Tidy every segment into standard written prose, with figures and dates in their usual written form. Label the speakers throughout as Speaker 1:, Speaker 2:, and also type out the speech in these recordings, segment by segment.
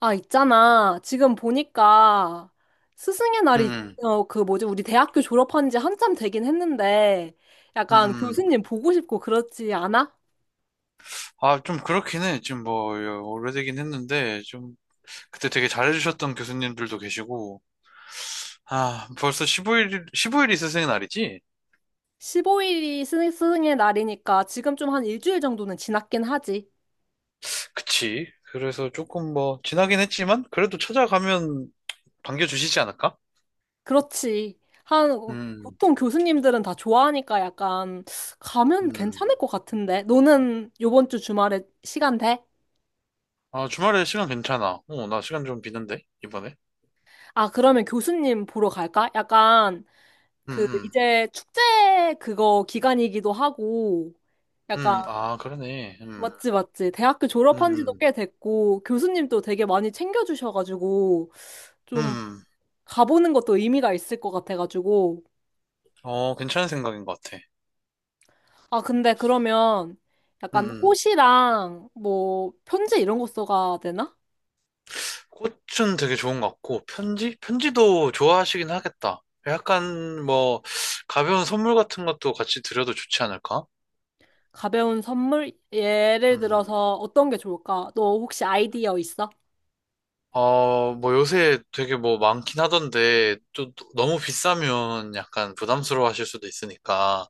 Speaker 1: 아, 있잖아. 지금 보니까 스승의 날이,
Speaker 2: 음,
Speaker 1: 우리 대학교 졸업한 지 한참 되긴 했는데,
Speaker 2: 음,
Speaker 1: 약간
Speaker 2: 음.
Speaker 1: 교수님 보고 싶고 그렇지 않아?
Speaker 2: 아, 좀 그렇긴 해. 지금 뭐, 오래되긴 했는데, 좀, 그때 되게 잘해주셨던 교수님들도 계시고, 아, 벌써 15일, 15일이 스승의 날이지?
Speaker 1: 15일이 스승의 날이니까 지금 좀 한 일주일 정도는 지났긴 하지.
Speaker 2: 그치. 그래서 조금 뭐, 지나긴 했지만, 그래도 찾아가면 반겨주시지 않을까?
Speaker 1: 그렇지.
Speaker 2: 음,
Speaker 1: 보통 교수님들은 다 좋아하니까 약간 가면
Speaker 2: 음.
Speaker 1: 괜찮을 것 같은데. 너는 요번 주 주말에 시간 돼?
Speaker 2: 아, 주말에 시간 괜찮아. 어, 나 시간 좀 비는데, 이번에.
Speaker 1: 아, 그러면 교수님 보러 갈까? 약간 그
Speaker 2: 음,
Speaker 1: 이제 축제 그거 기간이기도 하고 약간
Speaker 2: 아, 그러네.
Speaker 1: 맞지 맞지 대학교
Speaker 2: 음,
Speaker 1: 졸업한 지도
Speaker 2: 음.
Speaker 1: 꽤 됐고 교수님도 되게 많이 챙겨주셔가지고 좀
Speaker 2: 음.
Speaker 1: 가보는 것도 의미가 있을 것 같아가지고
Speaker 2: 어, 괜찮은 생각인 것 같아.
Speaker 1: 아 근데 그러면
Speaker 2: 음,
Speaker 1: 약간
Speaker 2: 음.
Speaker 1: 옷이랑 뭐 편지 이런 거 써가 되나?
Speaker 2: 꽃은 되게 좋은 것 같고, 편지? 편지도 좋아하시긴 하겠다. 약간 뭐, 가벼운 선물 같은 것도 같이 드려도 좋지 않을까?
Speaker 1: 가벼운 선물 예를
Speaker 2: 음.
Speaker 1: 들어서 어떤 게 좋을까? 너 혹시 아이디어 있어?
Speaker 2: 어, 뭐 요새 되게 뭐 많긴 하던데, 또 너무 비싸면 약간 부담스러워 하실 수도 있으니까,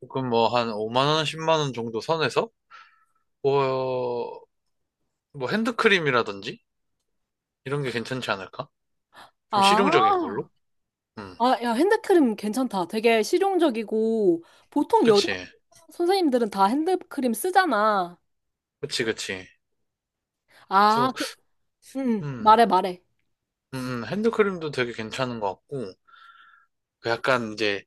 Speaker 2: 조금 뭐 한 5만 원, 10만 원 정도 선에서, 뭐, 뭐 핸드크림이라든지, 이런 게 괜찮지 않을까? 좀 실용적인
Speaker 1: 아
Speaker 2: 걸로? 음.
Speaker 1: 아, 야, 핸드크림 괜찮다. 되게 실용적이고, 보통 여자
Speaker 2: 그치.
Speaker 1: 선생님들은 다 핸드크림 쓰잖아.
Speaker 2: 그치, 그치.
Speaker 1: 아,
Speaker 2: 그래서,
Speaker 1: 그, 응,
Speaker 2: 음.
Speaker 1: 말해.
Speaker 2: 핸드크림도 되게 괜찮은 것 같고, 그 약간 이제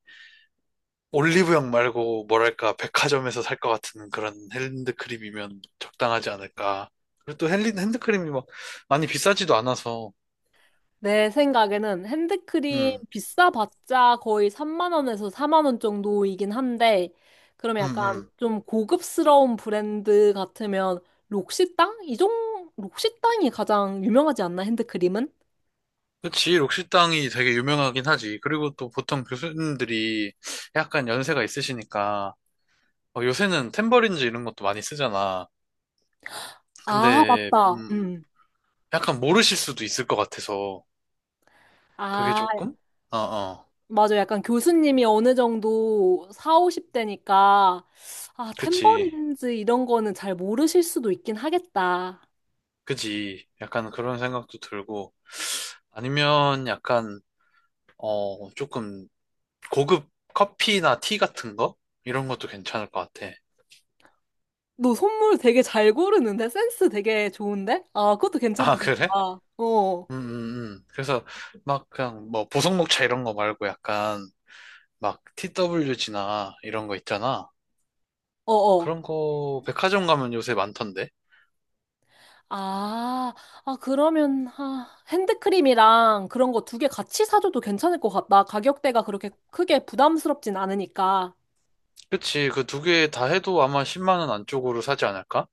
Speaker 2: 올리브영 말고 뭐랄까 백화점에서 살 것 같은 그런 핸드크림이면 적당하지 않을까. 그리고 또 핸드크림이 막 많이 비싸지도 않아서,
Speaker 1: 내 생각에는 핸드크림
Speaker 2: 음,
Speaker 1: 비싸봤자 거의 3만 원에서 4만 원 정도이긴 한데, 그러면
Speaker 2: 음,
Speaker 1: 약간
Speaker 2: 음.
Speaker 1: 좀 고급스러운 브랜드 같으면 록시땅? 록시땅이 가장 유명하지 않나, 핸드크림은?
Speaker 2: 그치, 록시땅이 되게 유명하긴 하지. 그리고 또 보통 교수님들이 약간 연세가 있으시니까, 어, 요새는 탬버린즈 이런 것도 많이 쓰잖아.
Speaker 1: 아,
Speaker 2: 근데,
Speaker 1: 맞다. 음.
Speaker 2: 약간 모르실 수도 있을 것 같아서, 그게
Speaker 1: 아.
Speaker 2: 조금? 어, 어,
Speaker 1: 맞아. 약간 교수님이 어느 정도 4, 50대니까, 아,
Speaker 2: 그치.
Speaker 1: 탬버린즈 이런 거는 잘 모르실 수도 있긴 하겠다.
Speaker 2: 그지. 약간 그런 생각도 들고, 아니면 약간, 조금 고급 커피나 티 같은 거? 이런 것도 괜찮을 것 같아.
Speaker 1: 너 선물 되게 잘 고르는데? 센스 되게 좋은데? 아, 그것도
Speaker 2: 아,
Speaker 1: 괜찮다, 진짜.
Speaker 2: 그래?
Speaker 1: 어,
Speaker 2: 그래서 막 그냥 뭐 보성녹차 이런 거 말고 약간 막 TWG나 이런 거 있잖아.
Speaker 1: 어.
Speaker 2: 그런 거 백화점 가면 요새 많던데.
Speaker 1: 아, 아, 그러면, 아, 핸드크림이랑 그런 거 두 개 같이 사줘도 괜찮을 것 같다. 가격대가 그렇게 크게 부담스럽진 않으니까.
Speaker 2: 그치. 그 두 개 다 해도 아마 10만 원 안쪽으로 사지 않을까?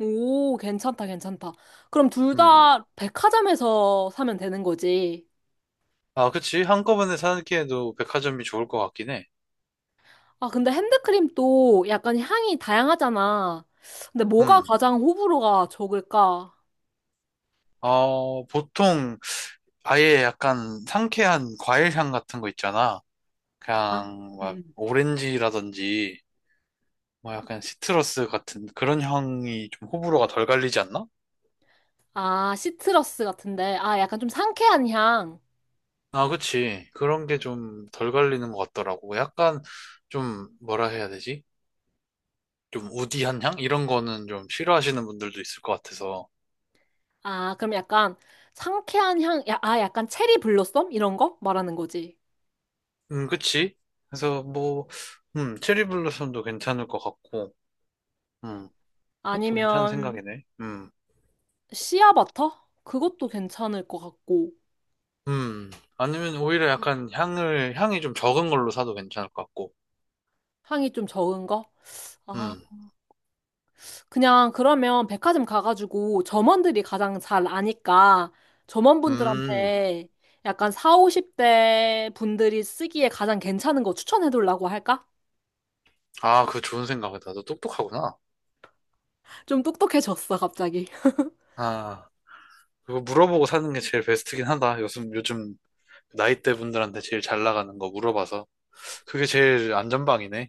Speaker 1: 오, 괜찮다. 그럼 둘
Speaker 2: 음.
Speaker 1: 다 백화점에서 사면 되는 거지.
Speaker 2: 아, 그치. 한꺼번에 사기에도 백화점이 좋을 것 같긴 해.
Speaker 1: 아, 근데 핸드크림도 약간 향이 다양하잖아. 근데 뭐가
Speaker 2: 음.
Speaker 1: 가장 호불호가 적을까?
Speaker 2: 어, 보통 아예 약간 상쾌한 과일 향 같은 거 있잖아.
Speaker 1: 아,
Speaker 2: 그냥 막
Speaker 1: 음.
Speaker 2: 오렌지라든지 뭐 약간 시트러스 같은 그런 향이 좀 호불호가 덜 갈리지 않나?
Speaker 1: 아, 시트러스 같은데. 아, 약간 좀 상쾌한 향.
Speaker 2: 아, 그치. 그런 게 좀 덜 갈리는 것 같더라고. 약간 좀 뭐라 해야 되지? 좀 우디한 향? 이런 거는 좀 싫어하시는 분들도 있을 것 같아서.
Speaker 1: 아, 그럼 약간 상쾌한 향, 야, 아, 약간 체리 블로썸? 이런 거 말하는 거지.
Speaker 2: 그치. 그래서 뭐, 체리 블루썸도 괜찮을 것 같고, 음, 그것도 괜찮은
Speaker 1: 아니면
Speaker 2: 생각이네. 음.
Speaker 1: 씨앗버터? 그것도 괜찮을 것 같고.
Speaker 2: 음, 아니면 오히려 약간 향이 좀 적은 걸로 사도 괜찮을 것 같고.
Speaker 1: 향이 좀 적은 거? 아,
Speaker 2: 음,
Speaker 1: 그냥 그러면 백화점 가가지고 점원들이 가장 잘 아니까
Speaker 2: 음,
Speaker 1: 점원분들한테 약간 4, 50대 분들이 쓰기에 가장 괜찮은 거 추천해달라고 할까?
Speaker 2: 아, 그거 좋은 생각이다. 너 똑똑하구나.
Speaker 1: 좀 똑똑해졌어, 갑자기.
Speaker 2: 아, 그거 물어보고 사는 게 제일 베스트긴 하다. 요즘 나이대 분들한테 제일 잘 나가는 거 물어봐서. 그게 제일 안전방이네.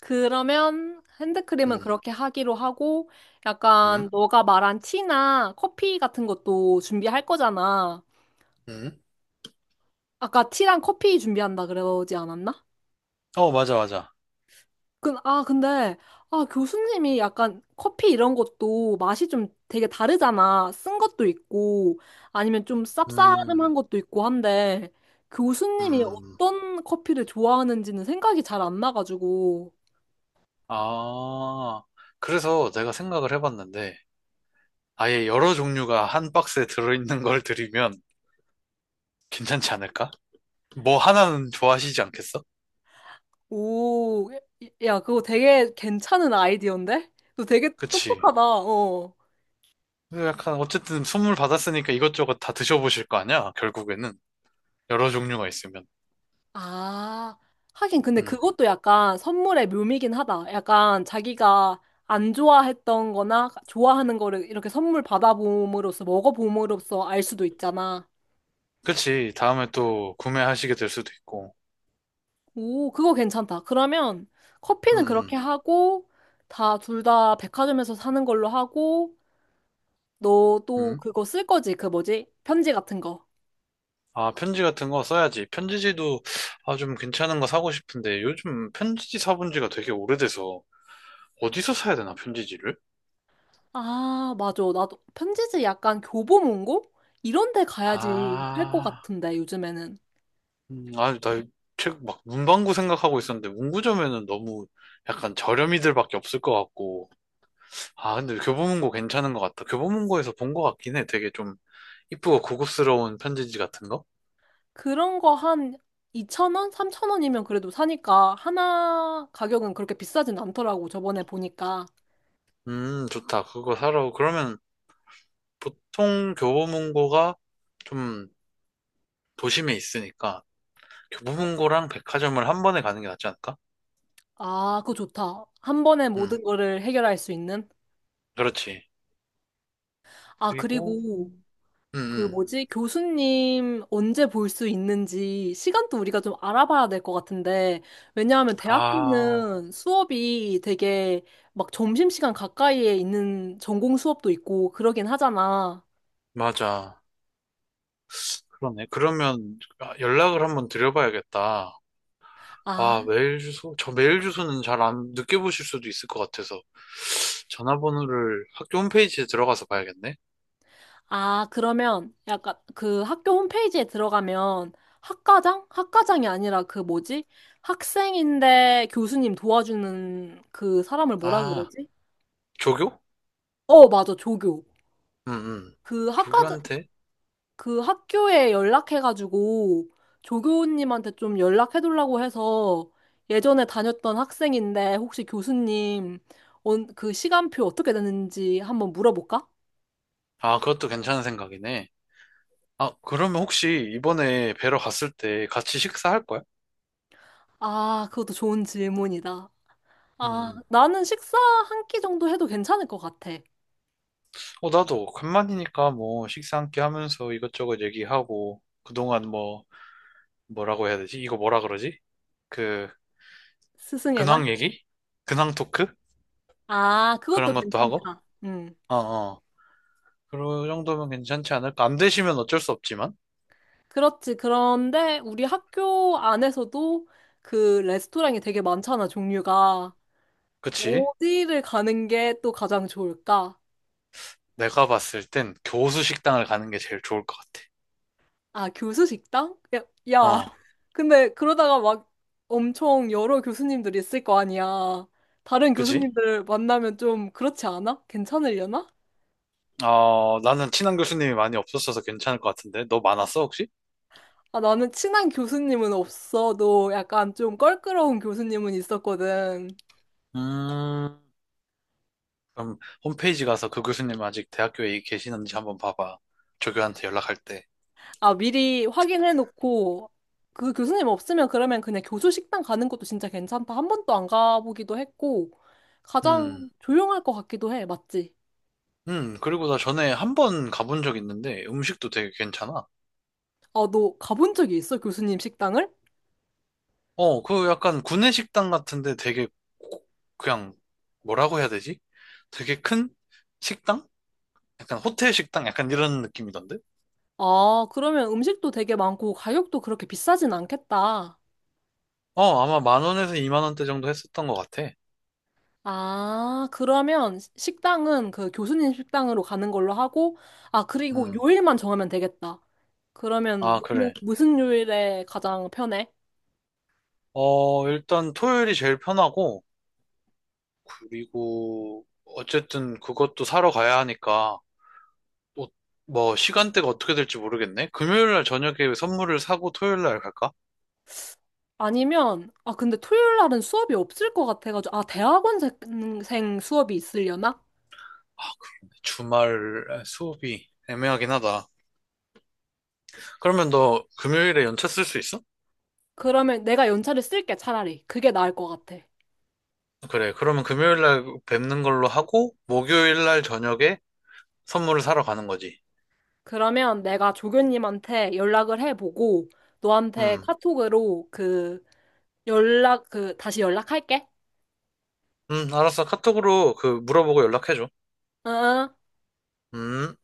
Speaker 1: 그러면 핸드크림은
Speaker 2: 음,
Speaker 1: 그렇게 하기로 하고 약간
Speaker 2: 음,
Speaker 1: 너가 말한 티나 커피 같은 것도 준비할 거잖아.
Speaker 2: 음.
Speaker 1: 아까 티랑 커피 준비한다 그러지 않았나?
Speaker 2: 어, 맞아, 맞아.
Speaker 1: 그 아, 근데, 아, 교수님이 약간 커피 이런 것도 맛이 좀 되게 다르잖아. 쓴 것도 있고, 아니면 좀
Speaker 2: 음,
Speaker 1: 쌉싸름한 것도 있고 한데, 교수님이
Speaker 2: 음.
Speaker 1: 어떤 커피를 좋아하는지는 생각이 잘 안 나가지고,
Speaker 2: 아, 그래서 내가 생각을 해봤는데, 아예 여러 종류가 한 박스에 들어있는 걸 드리면 괜찮지 않을까? 뭐 하나는 좋아하시지 않겠어?
Speaker 1: 오, 야, 그거 되게 괜찮은 아이디어인데? 너 되게
Speaker 2: 그치?
Speaker 1: 똑똑하다, 어.
Speaker 2: 그래서 약간 어쨌든 선물 받았으니까 이것저것 다 드셔보실 거 아니야? 결국에는 여러 종류가 있으면.
Speaker 1: 아, 하긴 근데
Speaker 2: 음.
Speaker 1: 그것도 약간 선물의 묘미긴 하다. 약간 자기가 안 좋아했던 거나 좋아하는 거를 이렇게 선물 받아봄으로써 먹어봄으로써 알 수도 있잖아.
Speaker 2: 그치? 다음에 또 구매하시게 될 수도 있고.
Speaker 1: 오, 그거 괜찮다. 그러면 커피는 그렇게
Speaker 2: 음.
Speaker 1: 하고 다 둘 다 백화점에서 사는 걸로 하고 너
Speaker 2: 음.
Speaker 1: 또
Speaker 2: 음.
Speaker 1: 그거 쓸 거지? 그 뭐지? 편지 같은 거.
Speaker 2: 아, 편지 같은 거 써야지. 편지지도 아, 좀 괜찮은 거 사고 싶은데 요즘 편지지 사본 지가 되게 오래돼서 어디서 사야 되나, 편지지를?
Speaker 1: 아, 맞아. 나도 편지지 약간 교보문고? 이런 데 가야지 할 것
Speaker 2: 아,
Speaker 1: 같은데 요즘에는.
Speaker 2: 아, 나 책 막 문방구 생각하고 있었는데 문구점에는 너무 약간 저렴이들밖에 없을 것 같고 아, 근데 교보문고 괜찮은 것 같다. 교보문고에서 본 것 같긴 해. 되게 좀 이쁘고 고급스러운 편지지 같은 거?
Speaker 1: 그런 거 한 2,000원? 3,000원이면 그래도 사니까 하나 가격은 그렇게 비싸진 않더라고. 저번에 보니까.
Speaker 2: 좋다. 그거 사러. 그러면 보통 교보문고가 좀 도심에 있으니까 교보문고랑 백화점을 한 번에 가는 게 낫지 않을까?
Speaker 1: 아, 그거 좋다. 한 번에
Speaker 2: 음,
Speaker 1: 모든 거를 해결할 수 있는.
Speaker 2: 그렇지.
Speaker 1: 아,
Speaker 2: 그리고,
Speaker 1: 그리고 그
Speaker 2: 음.
Speaker 1: 뭐지? 교수님 언제 볼 수 있는지 시간도 우리가 좀 알아봐야 될 것 같은데. 왜냐하면
Speaker 2: 아,
Speaker 1: 대학교는 수업이 되게 막 점심시간 가까이에 있는 전공 수업도 있고 그러긴 하잖아.
Speaker 2: 맞아. 그러네. 그러면 아, 연락을 한번 드려봐야겠다.
Speaker 1: 아,
Speaker 2: 와, 메일 주소? 저 메일 주소는 잘 안 늦게 보실 수도 있을 것 같아서 전화번호를 학교 홈페이지에 들어가서 봐야겠네.
Speaker 1: 아, 그러면 약간 그 학교 홈페이지에 들어가면 학과장? 학과장이 아니라 그 뭐지? 학생인데 교수님 도와주는 그 사람을 뭐라
Speaker 2: 아,
Speaker 1: 그러지?
Speaker 2: 조교?
Speaker 1: 어, 맞아, 조교.
Speaker 2: 응, 응.
Speaker 1: 그 학과장,
Speaker 2: 조교한테?
Speaker 1: 그 학교에 연락해가지고 조교님한테 좀 연락해달라고 해서 예전에 다녔던 학생인데 혹시 교수님 그 시간표 어떻게 되는지 한번 물어볼까?
Speaker 2: 아, 그것도 괜찮은 생각이네. 아, 그러면 혹시 이번에 뵈러 갔을 때 같이 식사할 거야?
Speaker 1: 아, 그것도 좋은 질문이다. 아,
Speaker 2: 음.
Speaker 1: 나는 식사 한 끼 정도 해도 괜찮을 것 같아.
Speaker 2: 어, 나도 간만이니까 뭐 식사 함께 하면서 이것저것 얘기하고 그동안 뭐 뭐라고 해야 되지? 이거 뭐라 그러지? 그
Speaker 1: 스승의 날?
Speaker 2: 근황 얘기? 근황 토크?
Speaker 1: 아, 그것도
Speaker 2: 그런 것도 하고?
Speaker 1: 괜찮다. 음.
Speaker 2: 어어. 그 정도면 괜찮지 않을까? 안 되시면 어쩔 수 없지만,
Speaker 1: 그렇지. 그런데 우리 학교 안에서도 그 레스토랑이 되게 많잖아, 종류가.
Speaker 2: 그치?
Speaker 1: 어디를 가는 게 또 가장 좋을까?
Speaker 2: 내가 봤을 땐 교수 식당을 가는 게 제일 좋을 것 같아.
Speaker 1: 아, 교수 식당? 야, 야.
Speaker 2: 어,
Speaker 1: 근데 그러다가 막 엄청 여러 교수님들이 있을 거 아니야. 다른
Speaker 2: 그지?
Speaker 1: 교수님들 만나면 좀 그렇지 않아? 괜찮으려나?
Speaker 2: 어, 나는 친한 교수님이 많이 없었어서 괜찮을 것 같은데, 너 많았어, 혹시?
Speaker 1: 아, 나는 친한 교수님은 없어도 약간 좀 껄끄러운 교수님은 있었거든.
Speaker 2: 음, 그럼 홈페이지 가서 그 교수님 아직 대학교에 계시는지 한번 봐봐. 조교한테 연락할 때.
Speaker 1: 아, 미리 확인해놓고 그 교수님 없으면 그러면 그냥 교수 식당 가는 것도 진짜 괜찮다. 한 번도 안 가보기도 했고
Speaker 2: 음,
Speaker 1: 가장 조용할 것 같기도 해. 맞지?
Speaker 2: 그리고 나 전에 한번 가본 적 있는데, 음식도 되게 괜찮아.
Speaker 1: 아, 너 가본 적이 있어? 교수님 식당을?
Speaker 2: 어, 그 약간 구내식당 같은데 되게 고- 그냥 뭐라고 해야 되지? 되게 큰 식당? 약간 호텔 식당? 약간 이런 느낌이던데?
Speaker 1: 아, 그러면 음식도 되게 많고 가격도 그렇게 비싸진 않겠다.
Speaker 2: 어, 아마 만 원에서 이만 원대 정도 했었던 것 같아.
Speaker 1: 아, 그러면 식당은 그 교수님 식당으로 가는 걸로 하고, 아, 그리고
Speaker 2: 음,
Speaker 1: 요일만 정하면 되겠다. 그러면
Speaker 2: 아,
Speaker 1: 너는
Speaker 2: 그래.
Speaker 1: 무슨 요일에 가장 편해?
Speaker 2: 어, 일단 토요일이 제일 편하고, 그리고 어쨌든 그것도 사러 가야 하니까, 또 뭐 시간대가 어떻게 될지 모르겠네. 금요일 날 저녁에 선물을 사고 토요일 날 갈까?
Speaker 1: 아니면, 아, 근데 토요일 날은 수업이 없을 것 같아가지고, 아, 대학원생 수업이 있으려나?
Speaker 2: 주말 수업이 애매하긴 하다. 그러면 너 금요일에 연차 쓸 수 있어?
Speaker 1: 그러면 내가 연차를 쓸게, 차라리. 그게 나을 것 같아.
Speaker 2: 그래, 그러면 금요일 날 뵙는 걸로 하고, 목요일 날 저녁에 선물을 사러 가는 거지.
Speaker 1: 그러면 내가 조교님한테 연락을 해보고, 너한테
Speaker 2: 음,
Speaker 1: 카톡으로 그 다시 연락할게.
Speaker 2: 알았어. 카톡으로 그 물어보고 연락해줘.
Speaker 1: 응? 응.
Speaker 2: 음.